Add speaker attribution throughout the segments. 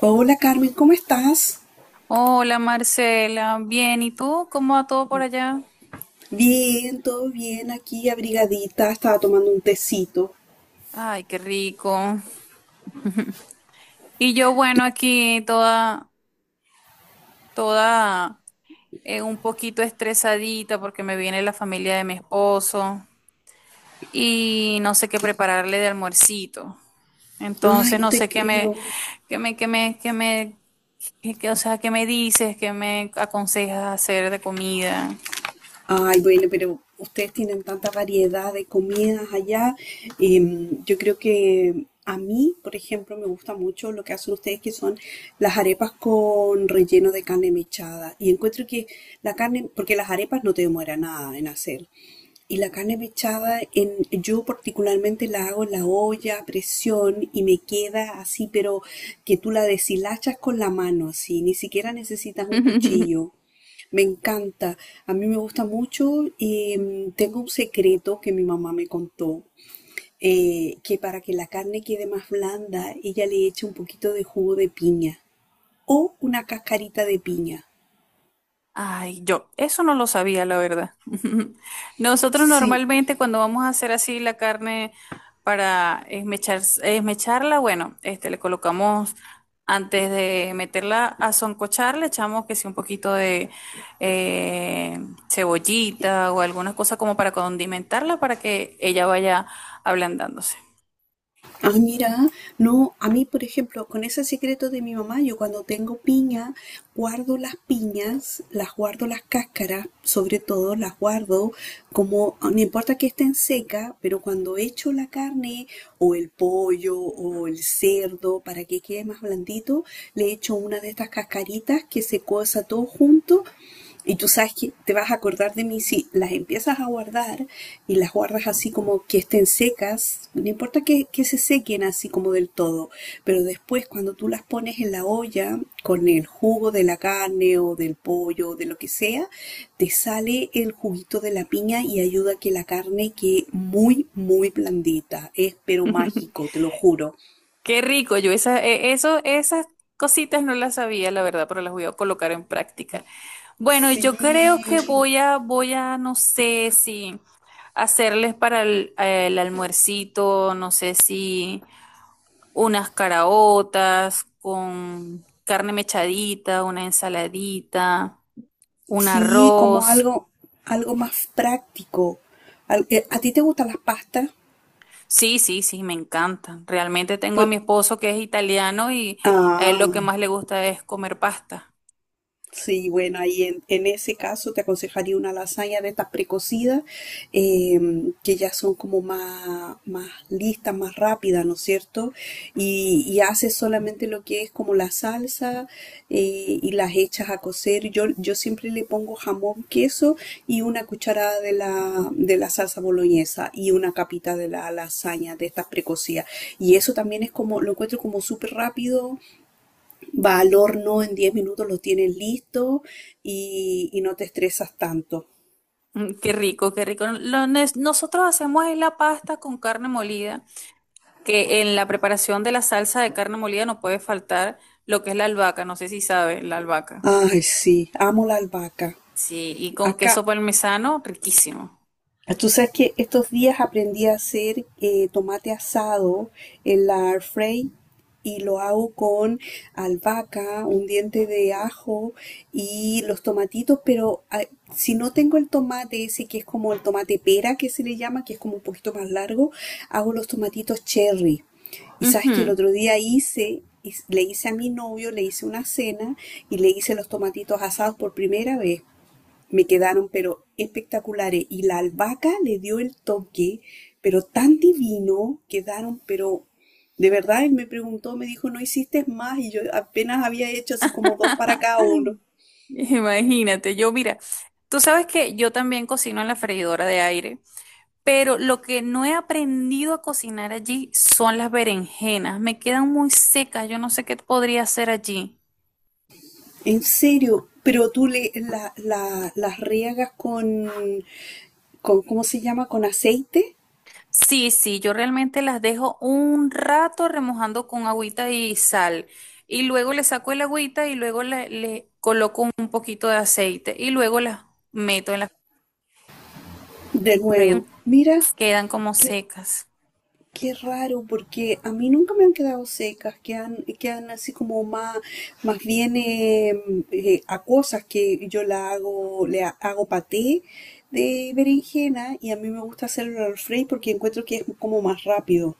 Speaker 1: Hola Carmen, ¿cómo estás?
Speaker 2: Hola Marcela, bien, ¿y tú? ¿Cómo va todo por allá?
Speaker 1: Bien, todo bien, aquí abrigadita, estaba tomando un tecito.
Speaker 2: Ay, qué rico. Y yo, bueno, aquí toda, toda, un poquito estresadita porque me viene la familia de mi esposo y no sé qué prepararle de almuercito.
Speaker 1: Ay,
Speaker 2: Entonces,
Speaker 1: no
Speaker 2: no
Speaker 1: te
Speaker 2: sé qué me,
Speaker 1: creo.
Speaker 2: qué me, qué me, qué me, qué- qué- o sea, qué me dices, qué me aconsejas hacer de comida.
Speaker 1: Ay, bueno, pero ustedes tienen tanta variedad de comidas allá. Yo creo que a mí, por ejemplo, me gusta mucho lo que hacen ustedes, que son las arepas con relleno de carne mechada. Y encuentro que la carne, porque las arepas no te demora nada en hacer. Y la carne mechada, yo particularmente la hago en la olla a presión y me queda así, pero que tú la deshilachas con la mano, así, ni siquiera necesitas un cuchillo. Me encanta, a mí me gusta mucho y tengo un secreto que mi mamá me contó, que para que la carne quede más blanda, ella le echa un poquito de jugo de piña o una cascarita de piña.
Speaker 2: Ay, yo, eso no lo sabía, la verdad. Nosotros
Speaker 1: Sí.
Speaker 2: normalmente cuando vamos a hacer así la carne para esmechar, esmecharla, bueno, este, le colocamos antes de meterla a soncochar, le echamos que sí un poquito de eh, cebollita o alguna cosa como para condimentarla para que ella vaya ablandándose.
Speaker 1: Ah, mira, no, a mí, por ejemplo, con ese secreto de mi mamá, yo cuando tengo piña, guardo las piñas, las guardo las cáscaras, sobre todo las guardo como, no importa que estén secas, pero cuando echo la carne o el pollo o el cerdo para que quede más blandito, le echo una de estas cascaritas que se cosa todo junto y tú sabes que te vas a acordar de mí si las empiezas a guardar y las guardas así como que estén secas, no importa que se sequen así como del todo, pero después cuando tú las pones en la olla con el jugo de la carne o del pollo o de lo que sea, te sale el juguito de la piña y ayuda a que la carne quede muy, muy blandita. Es pero mágico, te lo juro.
Speaker 2: Qué rico, yo esa, eso, esas cositas no las sabía, la verdad, pero las voy a colocar en práctica. Bueno,
Speaker 1: Sí,
Speaker 2: yo creo que voy a no sé si hacerles para el almuercito, no sé si unas caraotas con carne mechadita, una ensaladita, un
Speaker 1: sí, como
Speaker 2: arroz.
Speaker 1: algo más práctico. ¿A ti te gustan las pastas?
Speaker 2: Sí, sí, sí, me encanta. Realmente tengo a
Speaker 1: Por-
Speaker 2: mi esposo que es italiano y a él
Speaker 1: ah,
Speaker 2: lo que más le gusta es comer pasta.
Speaker 1: Sí, bueno, ahí en, ese caso te aconsejaría una lasaña de estas precocidas, que ya son como más listas, más rápidas, ¿no es cierto? Y haces solamente lo que es como la salsa, y las echas a cocer. Yo siempre le pongo jamón, queso y una cucharada de la salsa boloñesa y una capita de la lasaña de estas precocidas. Y eso también es como, lo encuentro como súper rápido, va al horno, en 10 minutos lo tienes listo y no te estresas tanto.
Speaker 2: Mm, qué rico, qué rico. Lo nosotros hacemos es la pasta con carne molida, que en la preparación de la salsa de carne molida no puede faltar lo que es la albahaca, no sé si sabe, la albahaca.
Speaker 1: Ay, sí, amo la albahaca.
Speaker 2: Sí, y con
Speaker 1: Acá.
Speaker 2: queso parmesano, riquísimo.
Speaker 1: Tú sabes que estos días aprendí a hacer tomate asado en la air fry y lo hago con albahaca, un diente de ajo y los tomatitos, pero si no tengo el tomate ese que es como el tomate pera que se le llama, que es como un poquito más largo, hago los tomatitos cherry. Y sabes que el
Speaker 2: Ujú.
Speaker 1: otro día hice, le hice a mi novio, le hice una cena y le hice los tomatitos asados por primera vez, me quedaron pero espectaculares. Y la albahaca le dio el toque, pero tan divino, quedaron pero... De verdad, él me preguntó, me dijo, ¿no hiciste más? Y yo apenas había hecho así como dos para cada uno.
Speaker 2: Imagínate, yo mira, tú sabes que yo también cocino en la freidora de aire, pero lo que no he aprendido a cocinar allí son las berenjenas, me quedan muy secas, yo no sé qué podría hacer allí.
Speaker 1: En serio, pero tú las riegas ¿cómo se llama? Con aceite.
Speaker 2: Sí, sí, yo realmente las dejo un rato remojando con agüita y sal. Y luego le saco el agüita y luego le coloco un poquito de aceite. Y luego las meto en la
Speaker 1: De
Speaker 2: freidora.
Speaker 1: nuevo, mira,
Speaker 2: Quedan como secas.
Speaker 1: qué raro, porque a mí nunca me han quedado secas, quedan así como más bien acuosas, que yo la hago, hago paté de berenjena, y a mí me gusta hacerlo al fray porque encuentro que es como más rápido.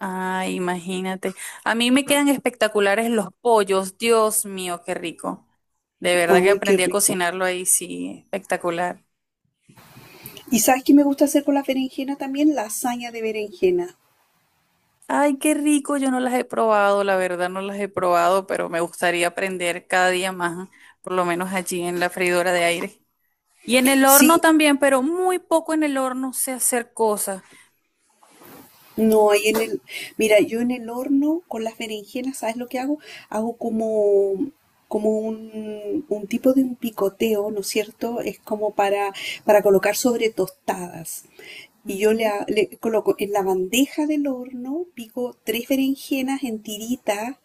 Speaker 2: Ay, imagínate. A mí me quedan espectaculares los pollos. Dios mío, qué rico. De verdad que
Speaker 1: ¡Ay, qué
Speaker 2: aprendí a
Speaker 1: rico!
Speaker 2: cocinarlo ahí, sí, espectacular.
Speaker 1: ¿Y sabes qué me gusta hacer con las berenjenas también? Lasaña de berenjena.
Speaker 2: Ay, qué rico, yo no las he probado, la verdad no las he probado, pero me gustaría aprender cada día más, por lo menos allí en la freidora de aire. Y en el horno
Speaker 1: Sí,
Speaker 2: también, pero muy poco en el horno sé hacer cosas.
Speaker 1: no, mira, yo en el horno con las berenjenas, ¿sabes lo que hago? Hago como un tipo de un picoteo, ¿no es cierto? Es como para colocar sobre tostadas, y yo le,
Speaker 2: Ujú.
Speaker 1: le coloco en la bandeja del horno, pico tres berenjenas en tiritas,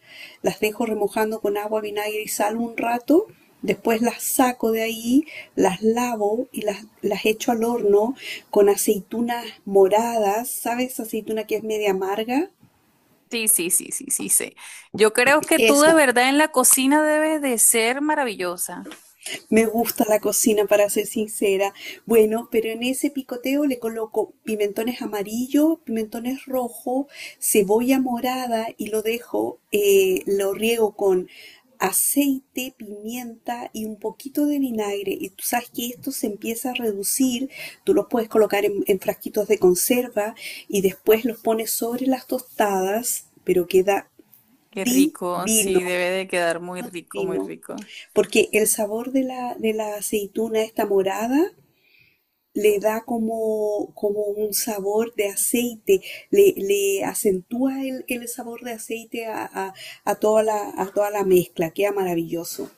Speaker 1: las dejo remojando con agua, vinagre y sal un rato, después las saco de ahí, las lavo y las echo al horno con aceitunas moradas, ¿sabes? Aceituna que es media amarga.
Speaker 2: Sí, sí, sí, sí, sí, sí. Yo creo que tú de
Speaker 1: Esa.
Speaker 2: verdad en la cocina debes de ser maravillosa.
Speaker 1: Me gusta la cocina, para ser sincera. Bueno, pero en ese picoteo le coloco pimentones amarillos, pimentones rojos, cebolla morada y lo dejo, lo riego con aceite, pimienta y un poquito de vinagre. Y tú sabes que esto se empieza a reducir. Tú los puedes colocar en frasquitos de conserva, y después los pones sobre las tostadas, pero queda
Speaker 2: Qué rico,
Speaker 1: divino,
Speaker 2: sí, debe de quedar muy
Speaker 1: divino,
Speaker 2: rico, muy
Speaker 1: divino,
Speaker 2: rico.
Speaker 1: porque el sabor de la aceituna esta morada le da como un sabor de aceite, le acentúa el sabor de aceite a toda la mezcla, queda maravilloso,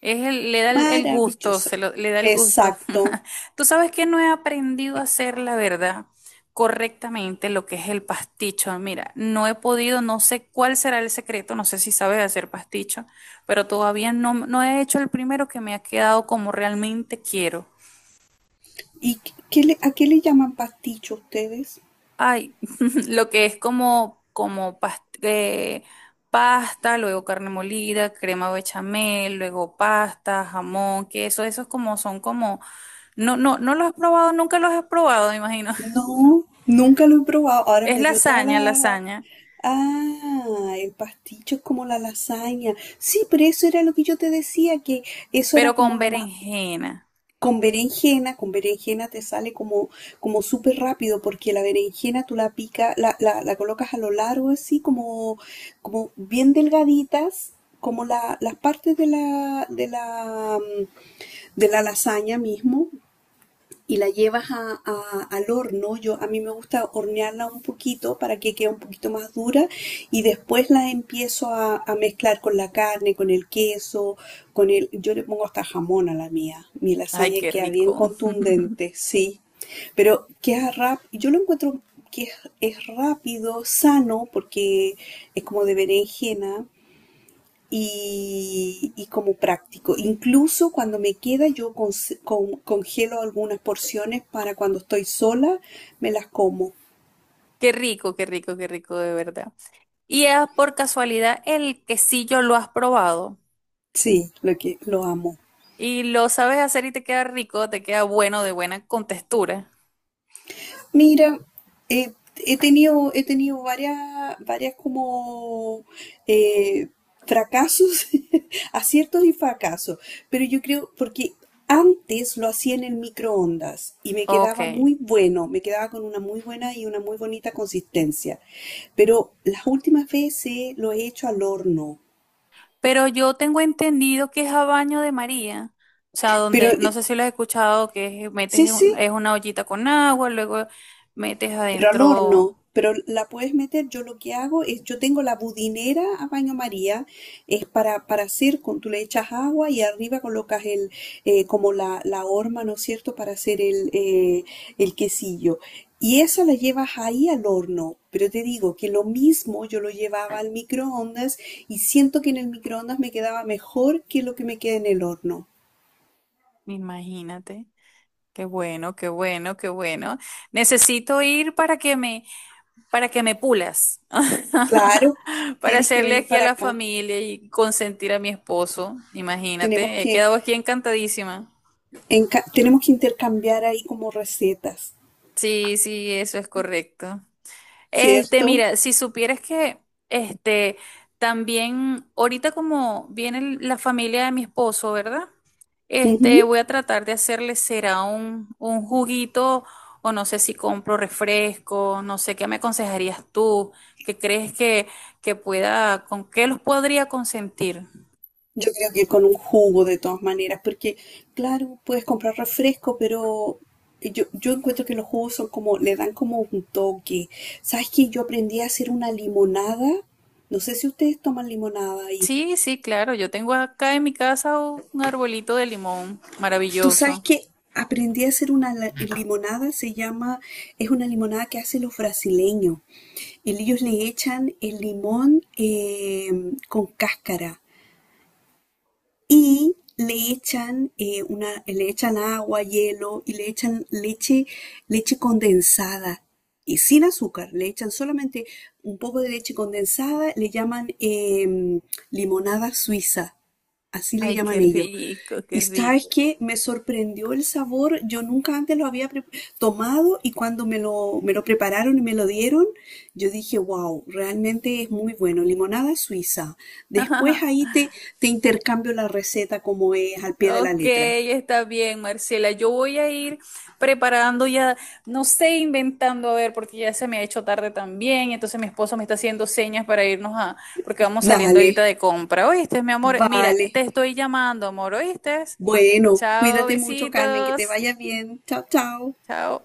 Speaker 2: Le da el gusto,
Speaker 1: maravilloso.
Speaker 2: se lo, le da el gusto.
Speaker 1: Exacto.
Speaker 2: Tú sabes que no he aprendido a hacer, la verdad, correctamente lo que es el pasticho. Mira, no he podido, no sé cuál será el secreto, no sé si sabes hacer pasticho, pero todavía no, no he hecho el primero que me ha quedado como realmente quiero.
Speaker 1: ¿Y a qué le llaman pasticho ustedes?
Speaker 2: Ay, lo que es como, como pasta, luego carne molida, crema bechamel, luego pasta, jamón, queso, esos como son como, no, no, no los he probado, nunca los he probado, me imagino.
Speaker 1: No, nunca lo he probado. Ahora
Speaker 2: Es
Speaker 1: me dio toda
Speaker 2: lasaña,
Speaker 1: la...
Speaker 2: lasaña,
Speaker 1: Ah, el pasticho es como la lasaña. Sí, pero eso era lo que yo te decía, que eso era
Speaker 2: pero con
Speaker 1: como lo más...
Speaker 2: berenjena.
Speaker 1: Con berenjena te sale como súper rápido, porque la berenjena tú la picas, la colocas a lo largo así, como bien delgaditas, como las partes de la lasaña mismo, y la llevas al horno. Yo, a mí me gusta hornearla un poquito para que quede un poquito más dura, y después la empiezo a mezclar con la carne, con el queso, con el... Yo le pongo hasta jamón a la mía. Mi
Speaker 2: Ay,
Speaker 1: lasaña
Speaker 2: qué
Speaker 1: queda bien
Speaker 2: rico.
Speaker 1: contundente, sí. Pero yo lo encuentro que es rápido, sano, porque es como de berenjena y como práctico. Incluso cuando me queda, yo congelo algunas porciones para cuando estoy sola, me las como.
Speaker 2: Qué rico, qué rico, qué rico, de verdad. Y es por casualidad el quesillo lo has probado
Speaker 1: Sí, lo que lo amo.
Speaker 2: y lo sabes hacer y te queda rico, te queda bueno, de buena contextura.
Speaker 1: Mira, eh, he tenido varias como eh, fracasos, aciertos y fracasos, pero yo creo, porque antes lo hacía en el microondas y me
Speaker 2: Ok.
Speaker 1: quedaba muy bueno, me quedaba con una muy buena y una muy bonita consistencia, pero las últimas veces lo he hecho al horno,
Speaker 2: Pero yo tengo entendido que es a baño de María. O sea,
Speaker 1: pero
Speaker 2: donde, no sé si lo has escuchado, que es- metes,
Speaker 1: sí,
Speaker 2: en un-
Speaker 1: sí,
Speaker 2: es una ollita con agua, luego metes
Speaker 1: pero al
Speaker 2: adentro,
Speaker 1: horno. Pero la puedes meter, yo lo que hago es, yo tengo la budinera a baño María, es para hacer, con, tú le echas agua y arriba colocas como la horma, ¿no es cierto?, para hacer el quesillo. Y esa la llevas ahí al horno, pero te digo que lo mismo yo lo llevaba al microondas y siento que en el microondas me quedaba mejor que lo que me queda en el horno.
Speaker 2: imagínate. Qué bueno, qué bueno, qué bueno. Necesito ir para que me pulas.
Speaker 1: Claro,
Speaker 2: Para
Speaker 1: tienes que
Speaker 2: hacerle
Speaker 1: venir
Speaker 2: aquí a
Speaker 1: para
Speaker 2: la
Speaker 1: acá.
Speaker 2: familia y consentir a mi esposo.
Speaker 1: Tenemos
Speaker 2: Imagínate, he
Speaker 1: que,
Speaker 2: quedado aquí encantadísima.
Speaker 1: tenemos que intercambiar ahí como recetas,
Speaker 2: Sí, sí, eso es correcto. Este,
Speaker 1: ¿cierto?
Speaker 2: mira, si supieras que, este, también, ahorita como viene la familia de mi esposo, ¿verdad?
Speaker 1: Ujú.
Speaker 2: Este, voy a tratar de hacerle, será un juguito, o no sé si compro refresco, no sé, ¿qué me aconsejarías tú? ¿Qué crees que pueda, con qué los podría consentir?
Speaker 1: Yo creo que con un jugo de todas maneras, porque claro, puedes comprar refresco, pero yo encuentro que los jugos son como, le dan como un toque. ¿Sabes qué? Yo aprendí a hacer una limonada. No sé si ustedes toman limonada ahí.
Speaker 2: Sí, sí, claro, yo tengo acá en mi casa un arbolito de limón
Speaker 1: Tú sabes
Speaker 2: maravilloso.
Speaker 1: que aprendí a hacer una limonada, se llama, es una limonada que hacen los brasileños. Y ellos le echan el limón con cáscara. Y le echan, le echan agua, hielo y le echan leche, leche condensada y sin azúcar. Le echan solamente un poco de leche condensada, le llaman limonada suiza, así le
Speaker 2: Ay, qué
Speaker 1: llaman ellos.
Speaker 2: rico, qué
Speaker 1: Y sabes
Speaker 2: rico.
Speaker 1: que me sorprendió el sabor, yo nunca antes lo había tomado, y cuando me lo, prepararon y me lo dieron, yo dije, wow, realmente es muy bueno, limonada suiza. Después ahí te intercambio la receta como es al pie de la
Speaker 2: Ok,
Speaker 1: letra.
Speaker 2: está bien, Marcela. Yo voy a ir preparando ya, no sé, inventando, a ver, porque ya se me ha hecho tarde también. Entonces mi esposo me está haciendo señas para irnos a, porque vamos saliendo
Speaker 1: Dale,
Speaker 2: ahorita de compra. ¿Oíste, mi amor? Mira,
Speaker 1: vale.
Speaker 2: te estoy llamando, amor, ¿oíste?
Speaker 1: Bueno,
Speaker 2: Chao,
Speaker 1: cuídate mucho, Carmen, que te
Speaker 2: besitos.
Speaker 1: vaya bien. Chao, chao.
Speaker 2: Chao.